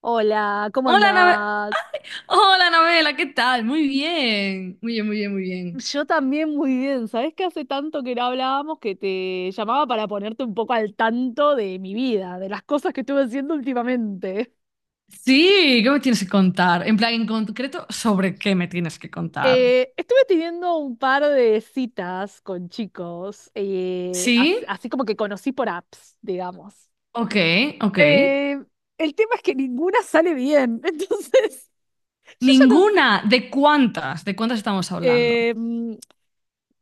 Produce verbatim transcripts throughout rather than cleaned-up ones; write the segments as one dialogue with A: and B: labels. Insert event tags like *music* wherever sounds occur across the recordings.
A: Hola, ¿cómo
B: Hola, Nave-
A: andás?
B: Hola, Anabela, ¿qué tal? Muy bien, muy bien, muy bien, muy bien.
A: Yo también muy bien. ¿Sabés que hace tanto que no hablábamos que te llamaba para ponerte un poco al tanto de mi vida, de las cosas que estuve haciendo últimamente? *laughs*
B: Sí, ¿qué me tienes que contar? En plan, en concreto, ¿sobre qué me tienes que contar?
A: Eh, estuve teniendo un par de citas con chicos, eh,
B: Sí,
A: as- así como que conocí por apps, digamos.
B: ok, ok.
A: Eh, el tema es que ninguna sale bien, *laughs* entonces yo ya no... s-
B: Ninguna, ¿de cuántas? ¿De cuántas estamos hablando?
A: eh, mm,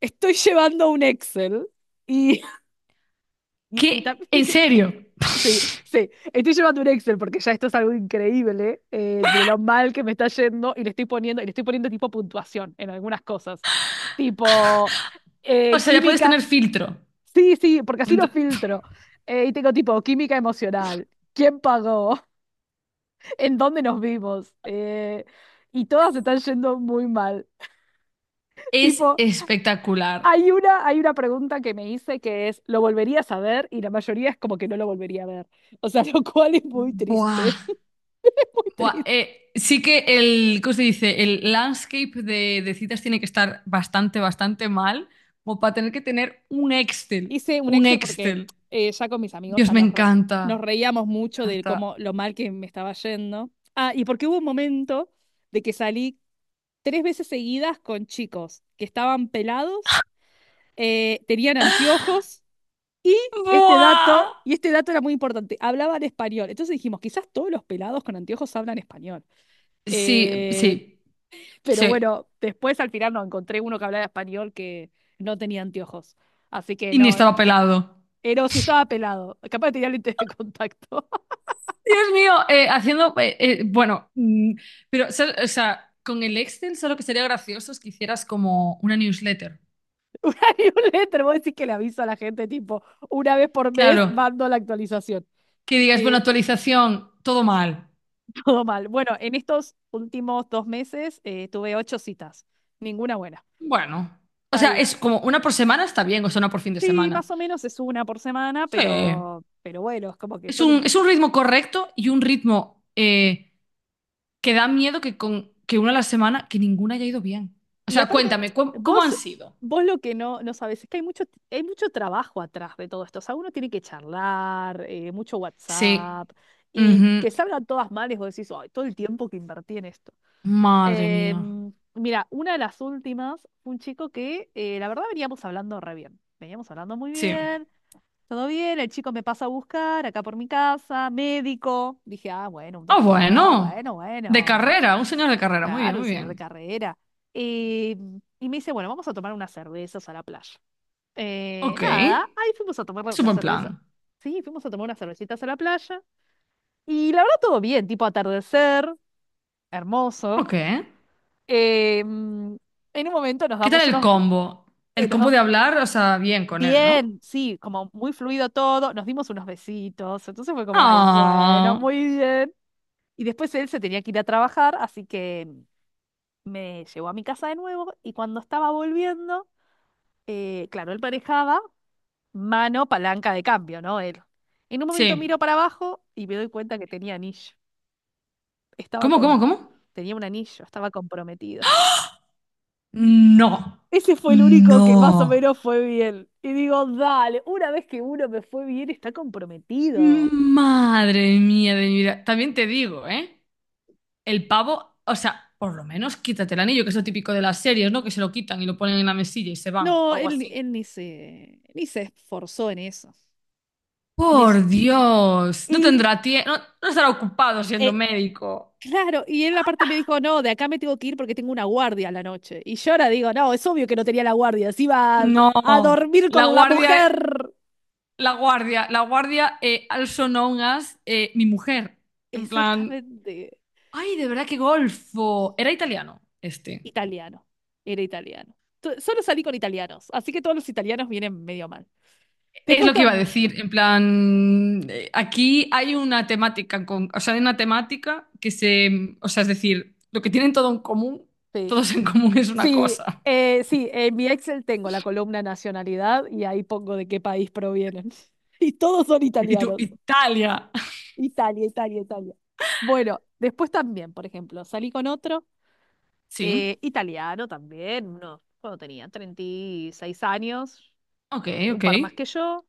A: Estoy llevando un Excel y... *laughs* Y, y
B: ¿Qué?
A: también.
B: ¿En serio?
A: Sí,
B: *laughs*
A: sí. Estoy llevando un Excel porque ya esto es algo increíble, eh, de lo mal que me está yendo y le estoy poniendo, y le estoy poniendo tipo puntuación en algunas cosas. Tipo,
B: O
A: eh,
B: sea, ya puedes tener
A: química.
B: filtro.
A: Sí, sí, porque así lo
B: Dentro-
A: filtro. Eh, y tengo tipo química emocional. ¿Quién pagó? *laughs* ¿En dónde nos vimos? Eh, y todas están yendo muy mal.
B: Es
A: Tipo,
B: espectacular.
A: hay una, hay una pregunta que me hice que es, ¿lo volverías a ver? Y la mayoría es como que no lo volvería a ver. O sea, *laughs* lo cual es muy
B: Buah.
A: triste. *laughs* Muy
B: Buah,
A: triste.
B: eh, sí que el, ¿cómo se dice? El landscape de, de citas tiene que estar bastante, bastante mal, como para tener que tener un Excel,
A: Hice un
B: un
A: Excel porque
B: Excel.
A: eh, ya con mis amigos,
B: Dios,
A: ya
B: me
A: nos, re- nos
B: encanta,
A: reíamos mucho
B: me
A: de
B: encanta.
A: cómo lo mal que me estaba yendo. Ah, y porque hubo un momento de que salí tres veces seguidas con chicos que estaban pelados, eh, tenían anteojos y este
B: Buah.
A: dato, y este dato era muy importante, hablaban español. Entonces dijimos, quizás todos los pelados con anteojos hablan español.
B: Sí,
A: Eh,
B: sí,
A: pero
B: sí.
A: bueno, después al final no encontré uno que hablaba español que no tenía anteojos. Así que
B: Y ni
A: no,
B: estaba pelado.
A: pero si estaba pelado, capaz que tenía lentes de contacto.
B: Dios mío, eh, haciendo, eh, eh, bueno, mm, pero, ¿sabes?, o sea, con el Excel solo que sería gracioso es que hicieras como una newsletter.
A: *laughs* Una newsletter, vos decís que le aviso a la gente, tipo, una vez por mes
B: Claro,
A: mando la actualización.
B: que digas, bueno,
A: Eh,
B: actualización, todo mal.
A: *laughs* Todo mal. Bueno, en estos últimos dos meses, eh, tuve ocho citas, ninguna buena.
B: Bueno, o
A: Está
B: sea,
A: bien.
B: es como una por semana está bien, o sea, una por fin de
A: Sí,
B: semana.
A: más o menos es una por semana,
B: Sí.
A: pero, pero, bueno, es como que
B: Es
A: yo le...
B: un, es un ritmo correcto y un ritmo eh, que da miedo que, con, que una a la semana, que ninguna haya ido bien. O
A: Y
B: sea,
A: aparte,
B: cuéntame, ¿cómo, cómo han
A: vos,
B: sido?
A: vos lo que no, no sabes es que hay mucho, hay mucho trabajo atrás de todo esto. O sea, uno tiene que charlar, eh, mucho
B: Sí.
A: WhatsApp, y que
B: Ujú.
A: salgan todas mal y vos decís, ay, todo el tiempo que invertí en esto.
B: Madre mía.
A: Em, mira, una de las últimas, fue un chico que, eh, la verdad veníamos hablando re bien. Veníamos hablando muy
B: Sí.
A: bien, todo bien, el chico me pasa a buscar acá por mi casa, médico. Dije, ah, bueno, un
B: Ah,
A: doctor,
B: bueno.
A: bueno,
B: De
A: bueno.
B: carrera, un señor de carrera. Muy bien,
A: Claro, un
B: muy
A: señor de
B: bien.
A: carrera. Eh, y me dice, bueno, vamos a tomar unas cervezas a la playa. Eh,
B: Ok.
A: nada, ahí
B: Es
A: fuimos a tomar
B: un
A: la
B: buen
A: cerveza.
B: plan.
A: Sí, fuimos a tomar unas cervecitas a la playa. Y la verdad todo bien, tipo atardecer, hermoso.
B: Ok. ¿Qué
A: Eh, mm, en un momento nos
B: tal
A: damos
B: el
A: unos...
B: combo?
A: eh,
B: El
A: nos
B: combo
A: da-
B: de hablar, o sea, bien con él, ¿no?
A: bien, sí, como muy fluido todo. Nos dimos unos besitos. Entonces fue como, ay, bueno,
B: Ah.
A: muy bien. Y después él se tenía que ir a trabajar, así que me llevó a mi casa de nuevo y cuando estaba volviendo... eh, claro, él manejaba mano, palanca de cambio, ¿no? Él. En un momento miro
B: Sí.
A: para abajo y me doy cuenta que tenía anillo. Estaba
B: ¿Cómo, cómo,
A: con...
B: cómo?
A: Tenía un anillo, estaba comprometido.
B: No.
A: Ese fue el único que más o
B: No.
A: menos fue bien. Y digo, dale, una vez que uno me fue bien, está comprometido.
B: Madre mía de mi vida. También te digo, ¿eh? El pavo, o sea, por lo menos quítate el anillo, que es lo típico de las series, ¿no? Que se lo quitan y lo ponen en la mesilla y se van, o
A: No,
B: algo
A: él, ni-
B: así.
A: él ni se, ni se esforzó en eso. Ni s-
B: Por Dios, no
A: Y
B: tendrá tiempo, no, no estará ocupado siendo
A: eh,
B: médico.
A: Claro, y él aparte me dijo, no, de acá me tengo que ir porque tengo una guardia a la noche. Y yo ahora digo, no, es obvio que no tenía la guardia, se iba a,
B: No,
A: a dormir
B: la
A: con la
B: guardia,
A: mujer.
B: la guardia, la guardia, eh, also known as eh, mi mujer. En plan,
A: Exactamente.
B: ay, de verdad que golfo. Era italiano, este.
A: Italiano, era italiano. To- Solo salí con italianos, así que todos los italianos vienen medio mal.
B: Es
A: Después
B: lo que iba a
A: también,
B: decir, en plan, eh, aquí hay una temática con, o sea, hay una temática que se, o sea, es decir, lo que tienen todo en común,
A: sí,
B: todos en común es una
A: sí,
B: cosa.
A: eh, sí, en mi Excel tengo la columna nacionalidad y ahí pongo de qué país provienen. *laughs* Y todos son
B: Y tú,
A: italianos.
B: Italia.
A: Italia, Italia, Italia. Bueno, después también, por ejemplo, salí con otro. Eh,
B: Sí,
A: italiano también, uno, cuando tenía treinta y seis años,
B: ok,
A: eh, un
B: ok.
A: par más que yo.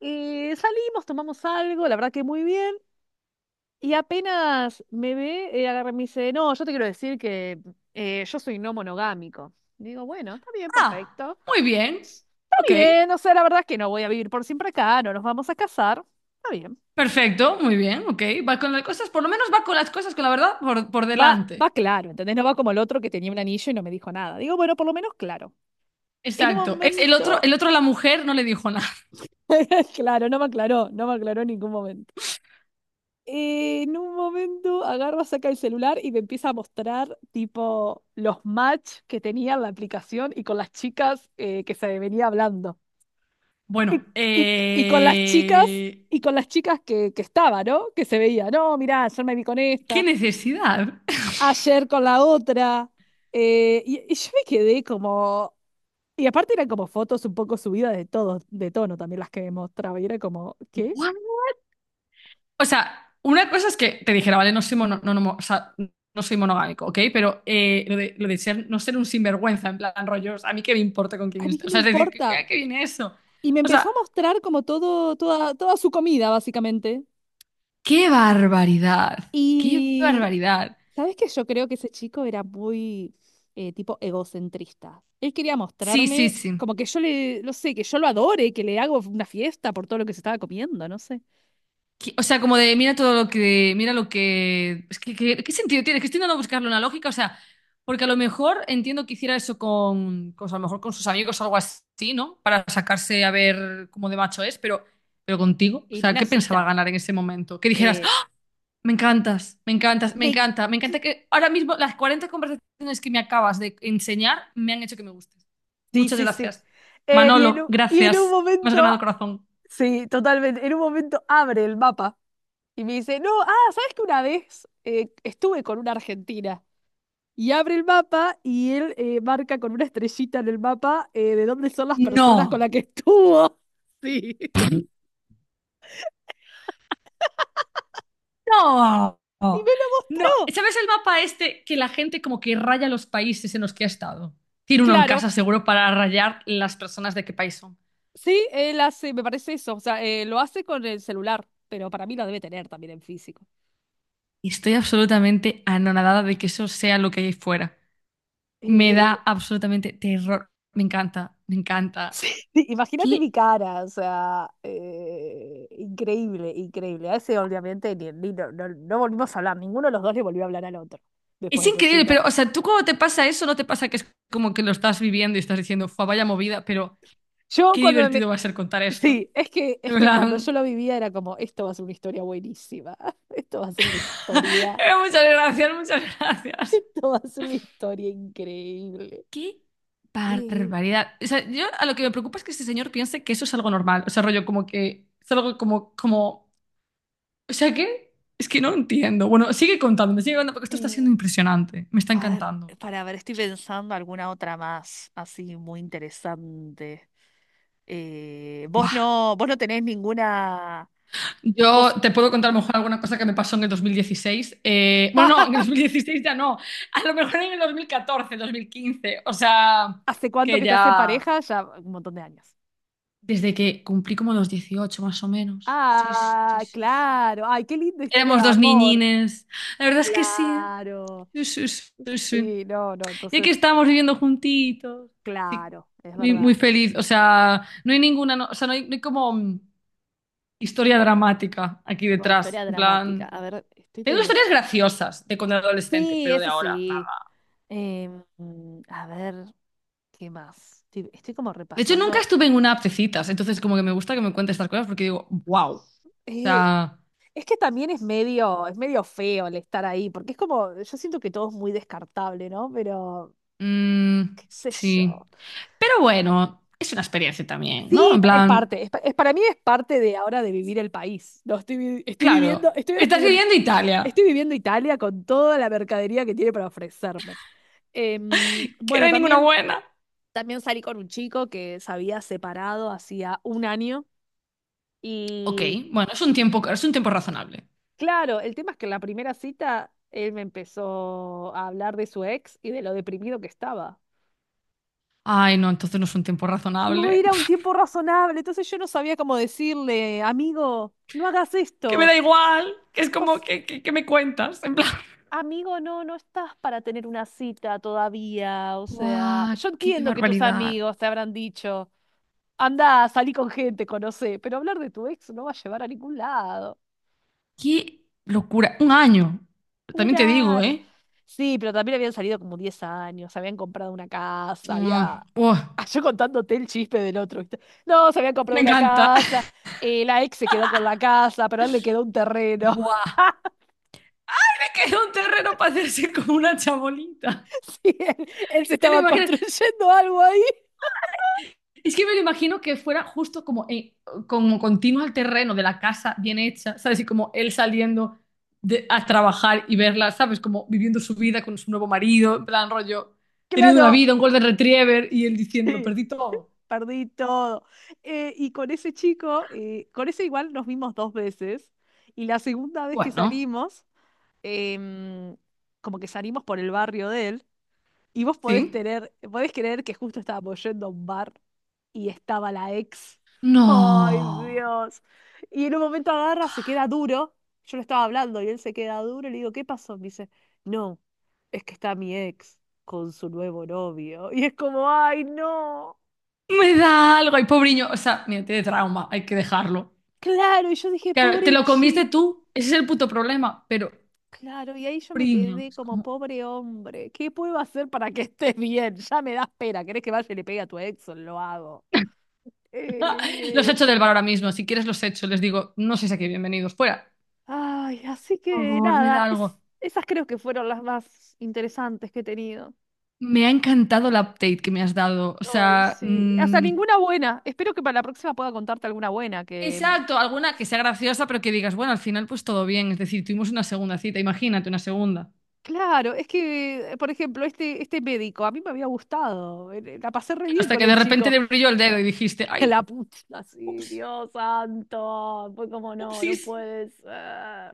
A: Eh, salimos, tomamos algo, la verdad que muy bien. Y apenas me ve, eh, agarra y me dice, no, yo te quiero decir que, eh, yo soy no monogámico. Y digo, bueno, está bien,
B: Ah,
A: perfecto.
B: muy bien,
A: Está
B: ok.
A: bien, o sea, la verdad es que no voy a vivir por siempre acá, no nos vamos a casar. Está bien.
B: Perfecto, muy bien, ok. Va con las cosas, por lo menos va con las cosas, con la verdad, por, por
A: Va, va
B: delante.
A: claro, ¿entendés? No va como el otro que tenía un anillo y no me dijo nada. Digo, bueno, por lo menos claro. En un
B: Exacto. Es el otro,
A: momento
B: el otro, a la mujer no le dijo.
A: *laughs* Claro, no me aclaró, no me aclaró en ningún momento. Eh, en un momento agarra, saca el celular y me empieza a mostrar tipo los match que tenía en la aplicación y con las chicas, eh, que se venía hablando.
B: Bueno,
A: Y, y con las chicas,
B: eh,
A: y con las chicas que, que estaba, ¿no? Que se veía, no, mirá, ayer me vi con
B: ¿qué
A: esta,
B: necesidad?
A: ayer con la otra. Eh, y, y yo me quedé como... Y aparte eran como fotos un poco subidas de todos, de tono también las que me mostraba. Y era como, ¿qué?
B: Igual. O sea, una cosa es que te dijera, vale, no soy, mono- no, no mo- o sea, no soy monogámico, ¿ok? Pero eh, lo de, lo de ser, no ser un sinvergüenza, en plan rollos, a mí qué me importa con
A: ¿A
B: quién
A: mí
B: esté.
A: qué
B: O
A: me
B: sea, es decir, ¿qué, qué
A: importa?
B: qué viene eso?
A: Y me
B: O
A: empezó
B: sea,
A: a mostrar como todo, toda, toda su comida, básicamente.
B: qué barbaridad, qué
A: Y,
B: barbaridad.
A: ¿sabes qué? Yo creo que ese chico era muy, eh, tipo egocentrista. Él quería
B: Sí, sí,
A: mostrarme
B: sí.
A: como que yo le, no sé, que yo lo adore, que le hago una fiesta por todo lo que se estaba comiendo, no sé.
B: Qui- O sea, como de mira todo lo que, mira lo que, es que, que- ¿qué sentido tiene? Que estoy intentando buscarle una lógica, o sea, porque a lo mejor entiendo que hiciera eso con, con- a lo mejor con sus amigos o algo así, ¿no? Para sacarse a ver cómo de macho es, pero, pero contigo, o
A: En
B: sea,
A: una
B: ¿qué pensaba
A: cita.
B: ganar en ese momento? Que dijeras,
A: Eh,
B: "¡Ah! Me encantas, me encantas, me
A: me-
B: encanta, me encanta que ahora mismo las cuarenta conversaciones que me acabas de enseñar me han hecho que me gustes.
A: Sí,
B: Muchas
A: sí, sí.
B: gracias.
A: Eh, y en
B: Manolo,
A: un, y en un
B: gracias. Me has
A: momento,
B: ganado corazón.
A: sí, totalmente, en un momento abre el mapa y me dice, no, ah, ¿sabes que una vez, eh, estuve con una argentina? Y abre el mapa y él, eh, marca con una estrellita en el mapa, eh, de dónde son las personas con las
B: No.
A: que estuvo. Sí. *laughs*
B: No,
A: Y
B: no.
A: me lo mostró.
B: ¿Sabes el mapa este que la gente como que raya los países en los que ha estado? Tiene uno en
A: Claro,
B: casa seguro para rayar las personas de qué país son.
A: sí, él hace, me parece eso. O sea, eh, lo hace con el celular, pero para mí lo debe tener también en físico.
B: Y estoy absolutamente anonadada de que eso sea lo que hay fuera. Me da
A: Eh,
B: absolutamente terror. Me encanta, me
A: *laughs*
B: encanta.
A: sí, imagínate mi
B: ¿Qué?
A: cara, o sea, eh, increíble, increíble. A ese obviamente ni, ni- no, no- no volvimos a hablar, ninguno de los dos le volvió a hablar al otro después
B: Es
A: de esa
B: increíble,
A: cita.
B: pero, o sea, tú cuando te pasa eso, no te pasa que es como que lo estás viviendo y estás diciendo, fue vaya movida, pero
A: Yo
B: qué
A: cuando me,
B: divertido va a ser contar esto.
A: Sí, es que,
B: En
A: es que cuando yo
B: plan,
A: lo vivía era como, esto va a ser una historia buenísima, *laughs* esto va a ser una historia,
B: *laughs* muchas gracias, muchas
A: *laughs*
B: gracias.
A: esto va a ser una historia increíble.
B: Qué
A: Y,
B: barbaridad. O sea, yo a lo que me preocupa es que este señor piense que eso es algo normal. O sea, rollo como que es algo como, como, o sea, ¿qué? Es que no entiendo. Bueno, sigue contándome, sigue contando porque esto está
A: eh,
B: siendo impresionante. Me está
A: a ver,
B: encantando.
A: para ver, estoy pensando alguna otra más, así muy interesante. Eh, vos
B: Buah.
A: no, vos no tenés ninguna.
B: Yo
A: Vos,
B: te puedo contar a lo mejor alguna cosa que me pasó en el dos mil dieciséis. Eh, bueno, no, en el
A: *laughs*
B: dos mil dieciséis ya no. A lo mejor en el dos dos mil catorce, dos mil quince. O sea,
A: ¿Hace cuánto
B: que
A: que estás en
B: ya...
A: pareja? Ya un montón de años.
B: Desde que cumplí como los dieciocho más o menos. Sí, sí,
A: Ah,
B: sí, sí.
A: claro. Ay, qué linda historia de
B: Éramos dos
A: amor.
B: niñines. La verdad es que sí, ¿eh?
A: Claro.
B: Sí, sí, sí, sí. Sí.
A: Sí, no, no.
B: Y aquí
A: Entonces...
B: estábamos viviendo juntitos. Sí,
A: Claro, es
B: muy,
A: verdad.
B: muy feliz. O sea, no hay ninguna, no- o sea, no hay, no hay como mm, historia dramática aquí
A: No hay
B: detrás.
A: historia
B: En
A: dramática.
B: plan,
A: A ver, estoy
B: tengo
A: pensando.
B: historias graciosas de cuando era adolescente,
A: Sí,
B: pero de
A: eso
B: ahora,
A: sí.
B: nada.
A: Em, a ver, ¿qué más? Estoy, estoy como
B: De hecho, nunca
A: repasando.
B: estuve en una app de citas, entonces como que me gusta que me cuentes estas cosas porque digo, wow. O
A: Eh,
B: sea,
A: es que también es medio, es medio feo el estar ahí, porque es como, yo siento que todo es muy descartable, ¿no? Pero,
B: mm,
A: qué sé
B: sí.
A: yo.
B: Pero
A: Eh,
B: bueno, es una experiencia también, ¿no?
A: Sí,
B: En
A: es
B: plan,
A: parte, es pa- es- para mí es parte de ahora de vivir el país. No, estoy, vi- estoy
B: claro,
A: viviendo, estoy, ahora
B: estás
A: estoy, en-
B: viviendo en
A: estoy
B: Italia,
A: viviendo Italia con toda la mercadería que tiene para ofrecerme. Em,
B: que no
A: bueno,
B: hay ninguna
A: también,
B: buena.
A: también salí con un chico que se había separado hacía un año
B: Ok,
A: y
B: bueno, es un tiempo, es un tiempo razonable.
A: claro, el tema es que en la primera cita él me empezó a hablar de su ex y de lo deprimido que estaba.
B: Ay, no, entonces no es un tiempo
A: No
B: razonable.
A: era un
B: *laughs*
A: tiempo razonable, entonces yo no sabía cómo decirle, amigo, no hagas
B: Que me
A: esto.
B: da igual, que es como que, que- que me cuentas, en plan.
A: Amigo, no, no estás para tener una cita todavía. O sea,
B: ¡Guau!
A: yo
B: ¡Qué
A: entiendo que tus
B: barbaridad!
A: amigos te habrán dicho, anda, salí con gente, conocé, pero hablar de tu ex no va a llevar a ningún lado.
B: ¡Qué locura! Un año. También te digo,
A: Jurar.
B: ¿eh?
A: Sí, pero también habían salido como diez años, habían comprado una casa,
B: Mm,
A: había...
B: ¡buah!
A: Ah, yo contándote el chisme del otro, ¿viste? No, se habían comprado
B: Me
A: una
B: encanta.
A: casa, eh, la ex se quedó con
B: *laughs*
A: la casa, pero a él le quedó un terreno.
B: ¡Buah!
A: *laughs*
B: Me quedó un terreno para hacerse con una chabolita.
A: Sí, él, él se
B: ¿Te lo
A: estaba
B: imaginas?
A: construyendo algo ahí.
B: Es que me lo imagino que fuera justo como, eh, como continuo al terreno de la casa bien hecha, ¿sabes? Y como él saliendo de- a trabajar y verla, ¿sabes? Como viviendo su vida con su nuevo marido, en plan rollo, teniendo una
A: Claro,
B: vida, un golden retriever, y él diciendo, lo
A: sí.
B: perdí todo.
A: Perdí todo. Eh, y con ese chico, eh, con ese igual nos vimos dos veces. Y la segunda vez que
B: Bueno,
A: salimos, em, como que salimos por el barrio de él. Y vos podés
B: sí.
A: tener, podés creer que justo estábamos yendo a un bar y estaba la ex. ¡Ay,
B: No.
A: Dios! Y en un momento agarra, se queda duro. Yo le estaba hablando y él se queda duro. Y le digo, ¿qué pasó? Me dice, no, es que está mi ex con su nuevo novio. Y es como, ¡ay, no!
B: Me da algo, ay, pobriño. O sea, mira, tiene trauma, hay que dejarlo.
A: Claro, y yo dije,
B: Claro, te
A: pobre
B: lo comiste
A: chico,
B: tú, ese es el puto problema, pero,
A: claro, y ahí yo me
B: pobriño,
A: quedé
B: es
A: como
B: como...
A: pobre hombre, ¿qué puedo hacer para que estés bien? Ya me das pena, ¿querés que vaya y le pegue a tu ex? Lo hago.
B: Los
A: Eh,
B: echo del bar ahora mismo, si quieres los echo, les digo, no sé si aquí bienvenidos, fuera.
A: Ay, así
B: Por
A: que
B: favor, me da
A: nada, es-
B: algo.
A: esas creo que fueron las más interesantes que he tenido.
B: Me ha encantado el update que me has dado. O
A: Ay,
B: sea,
A: sí. Hasta
B: mm,
A: ninguna buena. Espero que para la próxima pueda contarte alguna buena que... mm,
B: exacto, alguna que sea graciosa, pero que digas, bueno, al final pues todo bien. Es decir, tuvimos una segunda cita, imagínate una segunda.
A: Claro, es que, eh, por ejemplo, este, este médico, a mí me había gustado, eh, la pasé re
B: Claro,
A: bien
B: hasta
A: con
B: que
A: el
B: de repente
A: chico.
B: le brilló el dedo y dijiste,
A: *laughs*
B: ay,
A: La puta, sí,
B: ups,
A: Dios santo. Pues como no, no
B: upsis.
A: puede ser.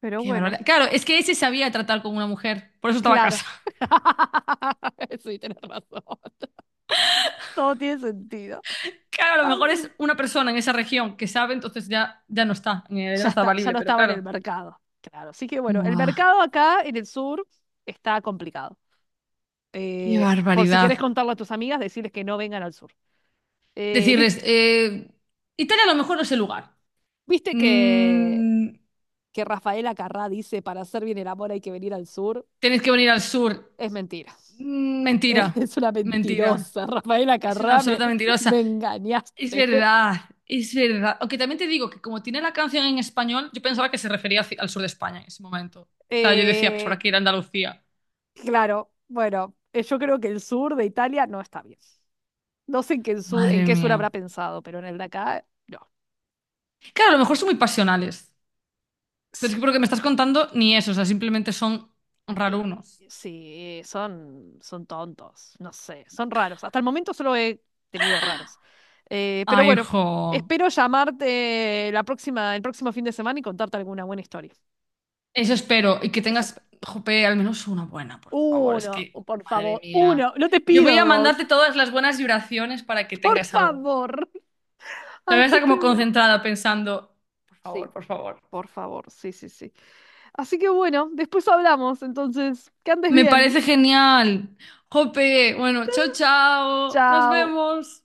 A: Pero
B: Qué
A: bueno,
B: barbaridad. Claro, es que ese sabía tratar con una mujer, por eso estaba a
A: claro.
B: casa. *laughs*
A: *laughs* Sí, tenés razón. Todo tiene sentido.
B: Claro, a lo mejor es
A: Así.
B: una persona en esa región que sabe, entonces ya, ya no está, eh, ya no
A: Ya
B: está
A: está, ya
B: valible,
A: no
B: pero
A: estaba en el
B: claro.
A: mercado. Claro, así que bueno, el
B: Buah,
A: mercado acá en el sur está complicado.
B: qué
A: Eh, por si querés
B: barbaridad.
A: contarlo a tus amigas, decirles que no vengan al sur. Eh, vis-
B: Decirles, eh, Italia a lo mejor no es el lugar.
A: ¿Viste que,
B: Mm,
A: que Rafaela Carrá dice para hacer bien el amor hay que venir al sur?
B: tenéis que venir al sur.
A: Es mentira. *laughs*
B: Mm, mentira,
A: Es una
B: mentira.
A: mentirosa, Rafaela
B: Es una
A: Carrame,
B: absoluta
A: me
B: mentirosa. Es
A: engañaste. *laughs*
B: verdad, es verdad. Aunque también te digo que como tiene la canción en español, yo pensaba que se refería hacia- al sur de España en ese momento. O sea, yo decía, pues por
A: Eh,
B: aquí ir a Andalucía.
A: claro, bueno, eh, yo creo que el sur de Italia no está bien. No sé en qué sur, en
B: Madre
A: qué sur
B: mía.
A: habrá pensado, pero en el de acá, no.
B: Claro, a lo mejor son muy pasionales. Pero es que por lo que me estás contando, ni eso. O sea, simplemente son
A: Y-
B: rarunos.
A: Sí, son, son tontos, no sé, son raros. Hasta el momento solo he tenido raros. Eh, pero
B: Ay,
A: bueno,
B: jo.
A: espero llamarte la próxima, el próximo fin de semana y contarte alguna buena historia.
B: Eso espero. Y que
A: Eso
B: tengas,
A: espero.
B: jope, al menos una buena, por favor. Es
A: Uno,
B: que,
A: por
B: madre
A: favor,
B: mía.
A: uno, no te
B: Yo voy
A: pido
B: a
A: dos.
B: mandarte todas las buenas vibraciones para que
A: Por
B: tengas alguna.
A: favor. *laughs*
B: Te voy a
A: Así
B: estar como
A: que bueno.
B: concentrada pensando, por favor,
A: Sí,
B: por favor.
A: por favor. Sí, sí, sí. Así que bueno, después hablamos. Entonces, que andes
B: Me
A: bien.
B: parece genial. Jope, bueno, chao, chao. Nos
A: Chao.
B: vemos.